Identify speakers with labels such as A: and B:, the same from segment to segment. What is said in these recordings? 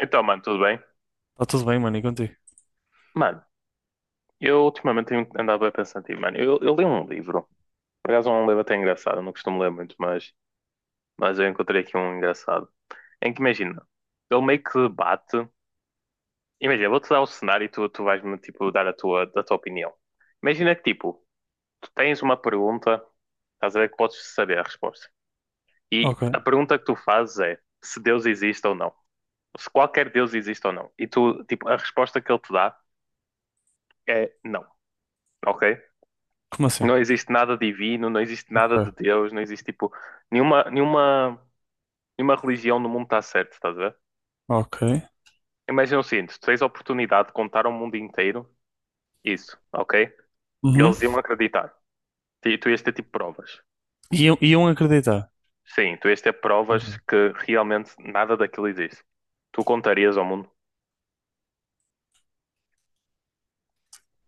A: Então, mano, tudo bem?
B: Tá tudo bem, mano, e contigo?
A: Mano, eu ultimamente tenho andado bem pensativo, mano. Eu li um livro. Por acaso é um livro até engraçado, eu não costumo ler muito, mas eu encontrei aqui um engraçado. Em que imagina, ele meio que debate. Imagina, eu vou-te dar o cenário e tu vais-me tipo, dar a tua opinião. Imagina que tipo, tu tens uma pergunta, estás a ver que podes saber a resposta. E
B: Ok.
A: a pergunta que tu fazes é se Deus existe ou não. Se qualquer Deus existe ou não. E tu, tipo, a resposta que ele te dá é não, ok?
B: Como assim?
A: Não existe nada divino, não existe nada
B: Ok.
A: de Deus, não existe tipo nenhuma, nenhuma, nenhuma religião no mundo está certa, estás a ver?
B: Ok.
A: Imagina o seguinte, tu tens a oportunidade de contar ao mundo inteiro isso, ok?
B: Uhum.
A: Eles iam acreditar. E tu ias ter tipo provas.
B: Iam acreditar.
A: Sim, tu ias ter provas
B: Uhum.
A: que realmente nada daquilo existe. Tu contarias ao mundo?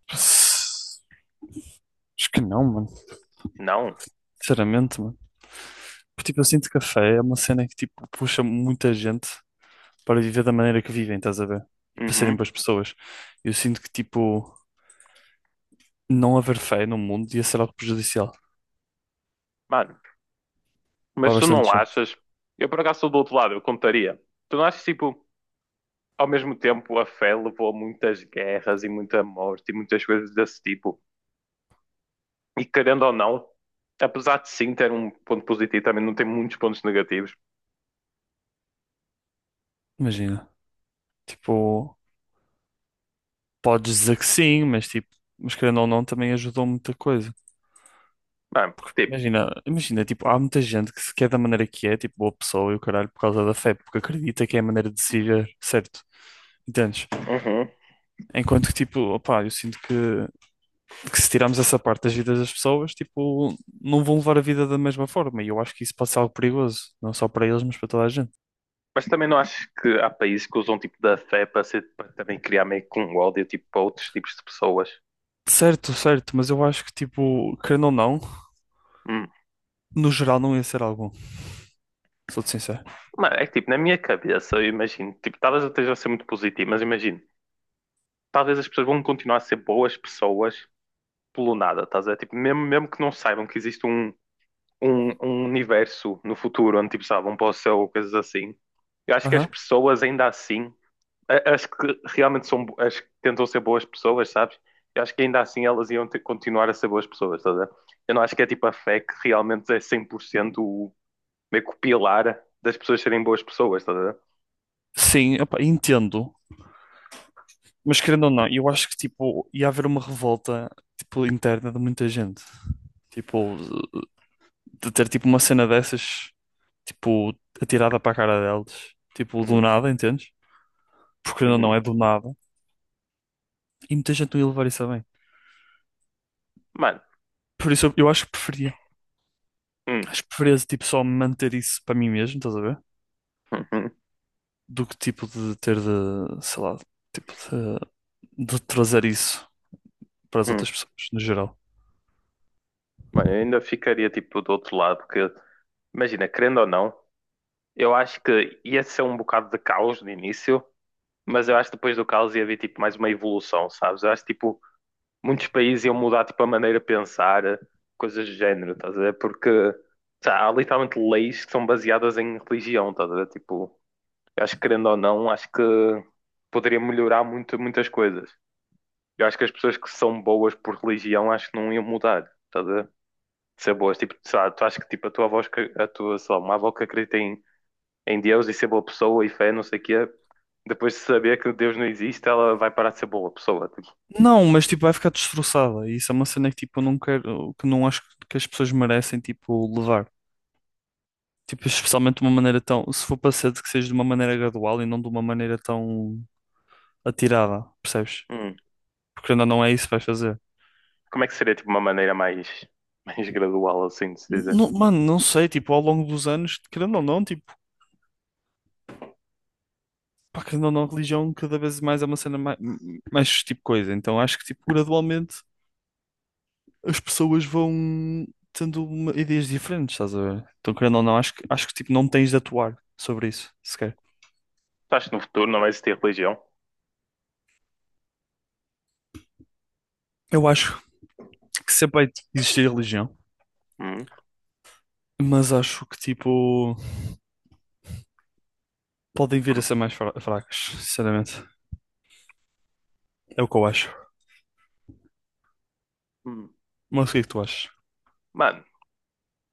B: Acho que não, mano.
A: Não.
B: Sinceramente, mano. Porque, tipo, eu sinto que a fé é uma cena que, tipo, puxa muita gente para viver da maneira que vivem, estás a ver? E para serem
A: Uhum.
B: boas pessoas. Eu sinto que, tipo, não haver fé no mundo ia ser algo prejudicial
A: Mano,
B: para
A: mas tu
B: bastante
A: não
B: gente.
A: achas? Eu por acaso sou do outro lado, eu contaria. Tu não achas tipo, ao mesmo tempo a fé levou a muitas guerras e muita morte e muitas coisas desse tipo? E querendo ou não, apesar de sim ter um ponto positivo, também não tem muitos pontos negativos.
B: Imagina. Tipo, podes dizer que sim, mas, tipo, mas querendo ou não, também ajudou muita coisa.
A: Mano, porque, tipo,
B: Imagina, tipo, há muita gente que se quer da maneira que é, tipo, boa pessoa e o caralho por causa da fé, porque acredita que é a maneira de ser certo, entendes?
A: uhum.
B: Enquanto que, tipo, opá, eu sinto que, se tirarmos essa parte das vidas das pessoas, tipo, não vão levar a vida da mesma forma, e eu acho que isso pode ser algo perigoso, não só para eles, mas para toda a gente.
A: Mas também não acho que há países que usam tipo da fé para, ser, para também criar meio que um ódio tipo, para outros tipos de pessoas.
B: Certo, certo, mas eu acho que, tipo, querendo ou não,
A: Hum.
B: no geral não ia ser algo bom. Sou-te sincero.
A: Mano, é que tipo, na minha cabeça, eu imagino, tipo, talvez eu esteja a ser muito positivo, mas imagino, talvez as pessoas vão continuar a ser boas pessoas pelo nada, estás a ver? Tipo, mesmo que não saibam que existe um universo no futuro onde tipo, sabem, vão para céu ou coisas assim, eu acho que as
B: Aham.
A: pessoas ainda assim acho que realmente são, acho que tentam ser boas pessoas, sabes? Eu acho que ainda assim elas continuar a ser boas pessoas, estás a ver? Eu não acho que é tipo a fé que realmente é 100% o, meio que o pilar das pessoas serem boas pessoas, estás a ver?
B: Sim, opa, entendo. Mas querendo ou não, eu acho que tipo, ia haver uma revolta tipo, interna de muita gente. Tipo, de ter tipo uma cena dessas, tipo, atirada para a cara deles. Tipo, do
A: Hum,
B: nada, entendes? Porque querendo ou não,
A: uhum.
B: é do nada. E muita gente não ia levar isso a bem.
A: Mano,
B: Por isso eu acho que preferia.
A: hum,
B: Acho que preferia tipo só manter isso para mim mesmo, estás a ver?
A: uhum,
B: Do que tipo de ter de, sei lá, tipo de trazer isso para as
A: hum.
B: outras pessoas no geral.
A: Mano, eu ainda ficaria tipo do outro lado, porque imagina, querendo ou não, eu acho que ia ser um bocado de caos no início, mas eu acho que depois do caos ia haver tipo mais uma evolução, sabes? Eu acho tipo muitos países iam mudar tipo a maneira de pensar, coisas do género, estás a ver? Porque sei lá, há literalmente leis que são baseadas em religião, estás a ver? Tipo, eu acho que querendo ou não, acho que poderia melhorar muito, muitas coisas. Eu acho que as pessoas que são boas por religião acho que não iam mudar, estás a ver? De ser boas, tipo, sei lá, tu achas que tipo a tua avó, a tua, sei lá, uma avó que acredita em, em Deus e ser boa pessoa e fé, não sei o quê, depois de saber que Deus não existe, ela vai parar de ser boa pessoa, tipo,
B: Não, mas tipo vai ficar destroçada. E isso é uma cena que tipo eu não quero, que não acho que as pessoas merecem tipo levar. Tipo, especialmente de uma maneira tão, se for para ser de que seja de uma maneira gradual e não de uma maneira tão atirada, percebes?
A: hum.
B: Porque ainda não é isso que vais fazer.
A: Como é que seria tipo uma maneira mais, mais gradual assim de se dizer?
B: Mano, não sei, tipo, ao longo dos anos, querendo ou não, tipo, pá, que não, não, religião cada vez mais é uma cena mais, mais tipo coisa. Então acho que tipo, gradualmente as pessoas vão tendo uma- ideias diferentes, estás a ver? Então, querendo ou não, acho que tipo, não tens de atuar sobre isso, sequer.
A: Tu achas que no futuro não vai existir religião?
B: Eu acho que sempre vai existir religião,
A: Hum,
B: mas acho que tipo, podem vir a
A: hum,
B: ser mais fracas, sinceramente. É o que eu acho.
A: hum.
B: Mas o que é que tu achas?
A: Mano,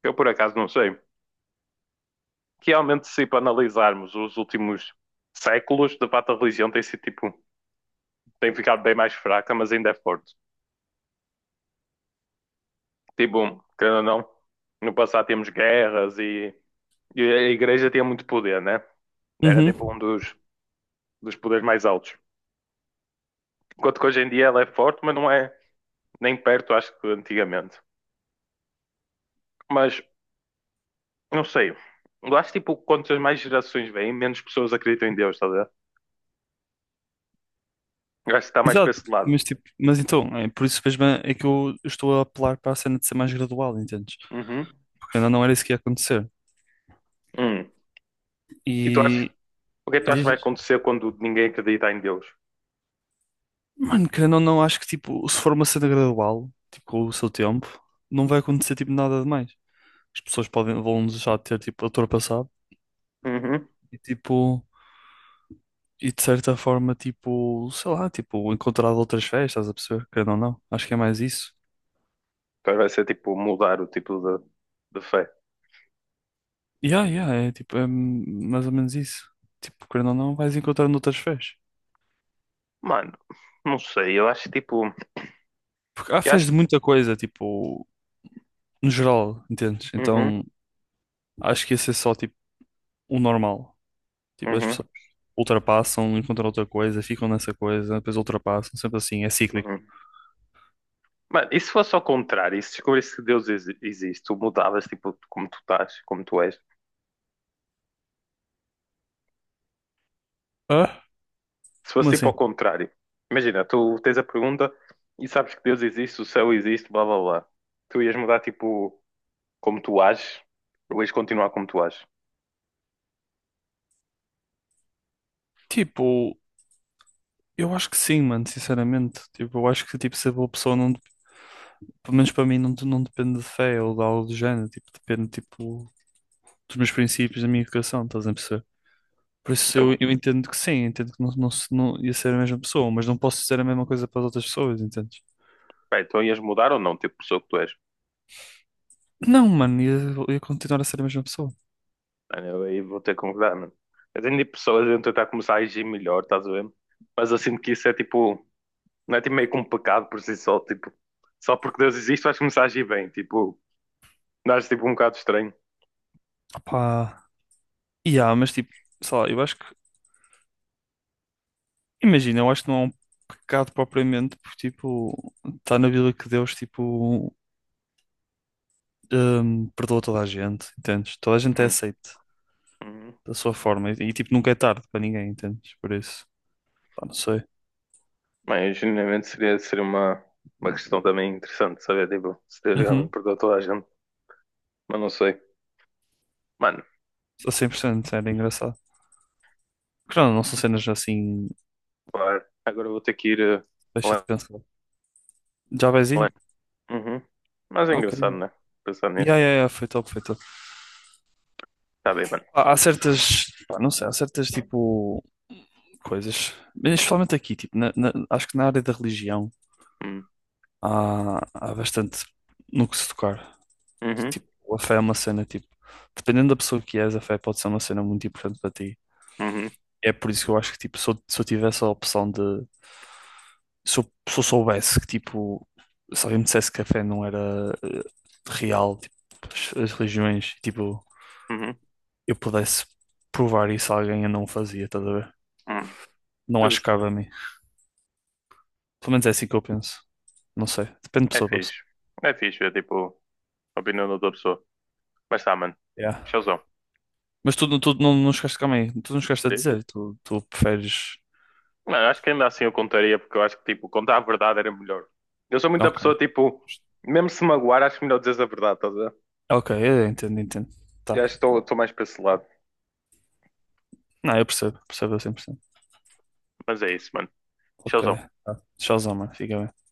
A: eu por acaso não sei. Realmente, se para analisarmos os últimos séculos, de fato a religião tem sido tipo, tem ficado bem mais fraca, mas ainda é forte. Tipo, querendo ou não, no passado tínhamos guerras e a igreja tinha muito poder, né? Era tipo um
B: Uhum.
A: dos, dos poderes mais altos. Enquanto que hoje em dia ela é forte, mas não é nem perto, acho que antigamente. Mas não sei. Eu acho tipo, quantas mais gerações vêm, menos pessoas acreditam em Deus, estás a ver? Eu acho que está mais para
B: Exato,
A: esse lado.
B: mas tipo, mas então, é por isso mesmo é que eu estou a apelar para a cena de ser mais gradual, entendes?
A: Uhum.
B: Porque ainda não era isso que ia acontecer.
A: Hum. E tu achas,
B: E
A: o que é que tu achas que
B: diz,
A: vai
B: diz.
A: acontecer quando ninguém acredita em Deus?
B: Mano, querendo ou não, acho que tipo, se for uma cena gradual, tipo, com o seu tempo, não vai acontecer tipo nada demais. As pessoas vão deixar de ter tipo ultrapassado
A: Uhum.
B: e tipo, e de certa forma, tipo, sei lá, tipo, encontrar outras fés, estás a perceber? Querendo ou não, acho que é mais isso.
A: Então vai ser tipo mudar o tipo de fé.
B: Yeah, yeah, é tipo, é mais ou menos isso. Tipo, querendo ou não, vais encontrando outras fés.
A: Mano, não sei, eu acho que, tipo.
B: Porque há
A: Eu
B: fés
A: acho.
B: de
A: Que.
B: muita coisa, tipo, no geral, entendes?
A: Uhum,
B: Então, acho que esse é só tipo o normal. Tipo, as
A: uhum,
B: pessoas ultrapassam, encontram outra coisa, ficam nessa coisa, depois ultrapassam, sempre assim, é cíclico.
A: uhum. Mano, e se fosse ao contrário, e se descobrisse que Deus existe, tu mudavas tipo como tu estás, como tu és?
B: Ah?
A: Se
B: Como
A: fosse tipo
B: assim?
A: ao contrário, imagina, tu tens a pergunta e sabes que Deus existe, o céu existe, blá blá blá. Tu ias mudar tipo como tu ages, ou ias continuar como tu ages.
B: Tipo, eu acho que sim, mano, sinceramente. Tipo, eu acho que tipo, se a boa pessoa não, pelo menos para mim, não depende de fé ou de algo do género, tipo, depende tipo, dos meus princípios, da minha educação, estás a perceber? Por isso eu,
A: Então,
B: eu entendo que sim, entendo que não, se- não ia ser a mesma pessoa, mas não posso dizer a mesma coisa para as outras pessoas, entendes?
A: pá, então ias mudar ou não, tipo pessoa que tu és?
B: Não, mano, ia continuar a ser a mesma pessoa.
A: Mano, eu aí vou ter que concordar, mano. Eu tenho tipo, pessoas a tentar começar a agir melhor, estás a ver? Mas eu sinto que isso é tipo, não é tipo meio que um pecado por si só, tipo, só porque Deus existe vais começar a agir bem, tipo, dás tipo um bocado estranho.
B: Pá. E há, mas tipo, sei lá, eu acho que, imagina, eu acho que não é um pecado propriamente, porque tipo, está na Bíblia que Deus, tipo, perdoa toda a gente, entendes? Toda a gente é
A: Hum.
B: aceite
A: Hum.
B: da sua forma, tipo, nunca é tarde para ninguém, entendes? Por isso, pá, não sei.
A: Mas genuinamente seria uma questão também interessante saber, tipo, se Deus grande
B: Uhum,
A: perdoa toda a gente, mas não sei. Mano,
B: sou 100% era engraçado. Claro, não são cenas assim,
A: claro. Agora vou ter que ir.
B: deixa de
A: Lá-
B: pensar. Já vais
A: lá.
B: indo?
A: Uhum. Mas é
B: Ok.
A: engraçado, né? Pensar
B: Yeah,
A: nisso.
B: yeah, yeah, foi top.
A: Tá bem, mano.
B: Há certas, pá, não sei, há certas tipo coisas, mas especialmente aqui, tipo, acho que na área da religião
A: Hum.
B: há bastante no que se tocar.
A: Uhum.
B: Tipo, a fé é uma cena, tipo, dependendo da pessoa que és, a fé pode ser uma cena muito importante para ti.
A: Uhum.
B: É por isso que eu acho que, tipo, se eu tivesse a opção de, se eu soubesse que, tipo, se alguém me dissesse que a fé não era real, tipo, as religiões, tipo,
A: Uhum.
B: eu pudesse provar isso a alguém, eu não o fazia, estás a ver?
A: Uhum.
B: Não acho que
A: Justo.
B: cabe a mim. Pelo menos é assim que eu penso. Não sei. Depende de
A: É
B: pessoa para pessoa.
A: fixe. É fixe ver, tipo, a opinião da outra pessoa. Mas tá, mano.
B: Yeah.
A: Showzão.
B: Mas tu não, não chegaste, calma aí, tu não chegaste a
A: Diz, diz.
B: dizer, tu preferes.
A: Mano, acho que ainda assim eu contaria, porque eu acho que, tipo, contar a verdade era melhor. Eu sou muita pessoa,
B: Ok.
A: tipo, mesmo se magoar, acho melhor dizer a verdade, estás.
B: Ok, entendo.
A: Eu
B: Tá.
A: acho que estou mais para esse lado.
B: Não, percebo a 100%.
A: Mas é isso, mano.
B: Ok.
A: Tchauzão.
B: Tá. Tchauzão, mano. Fica bem.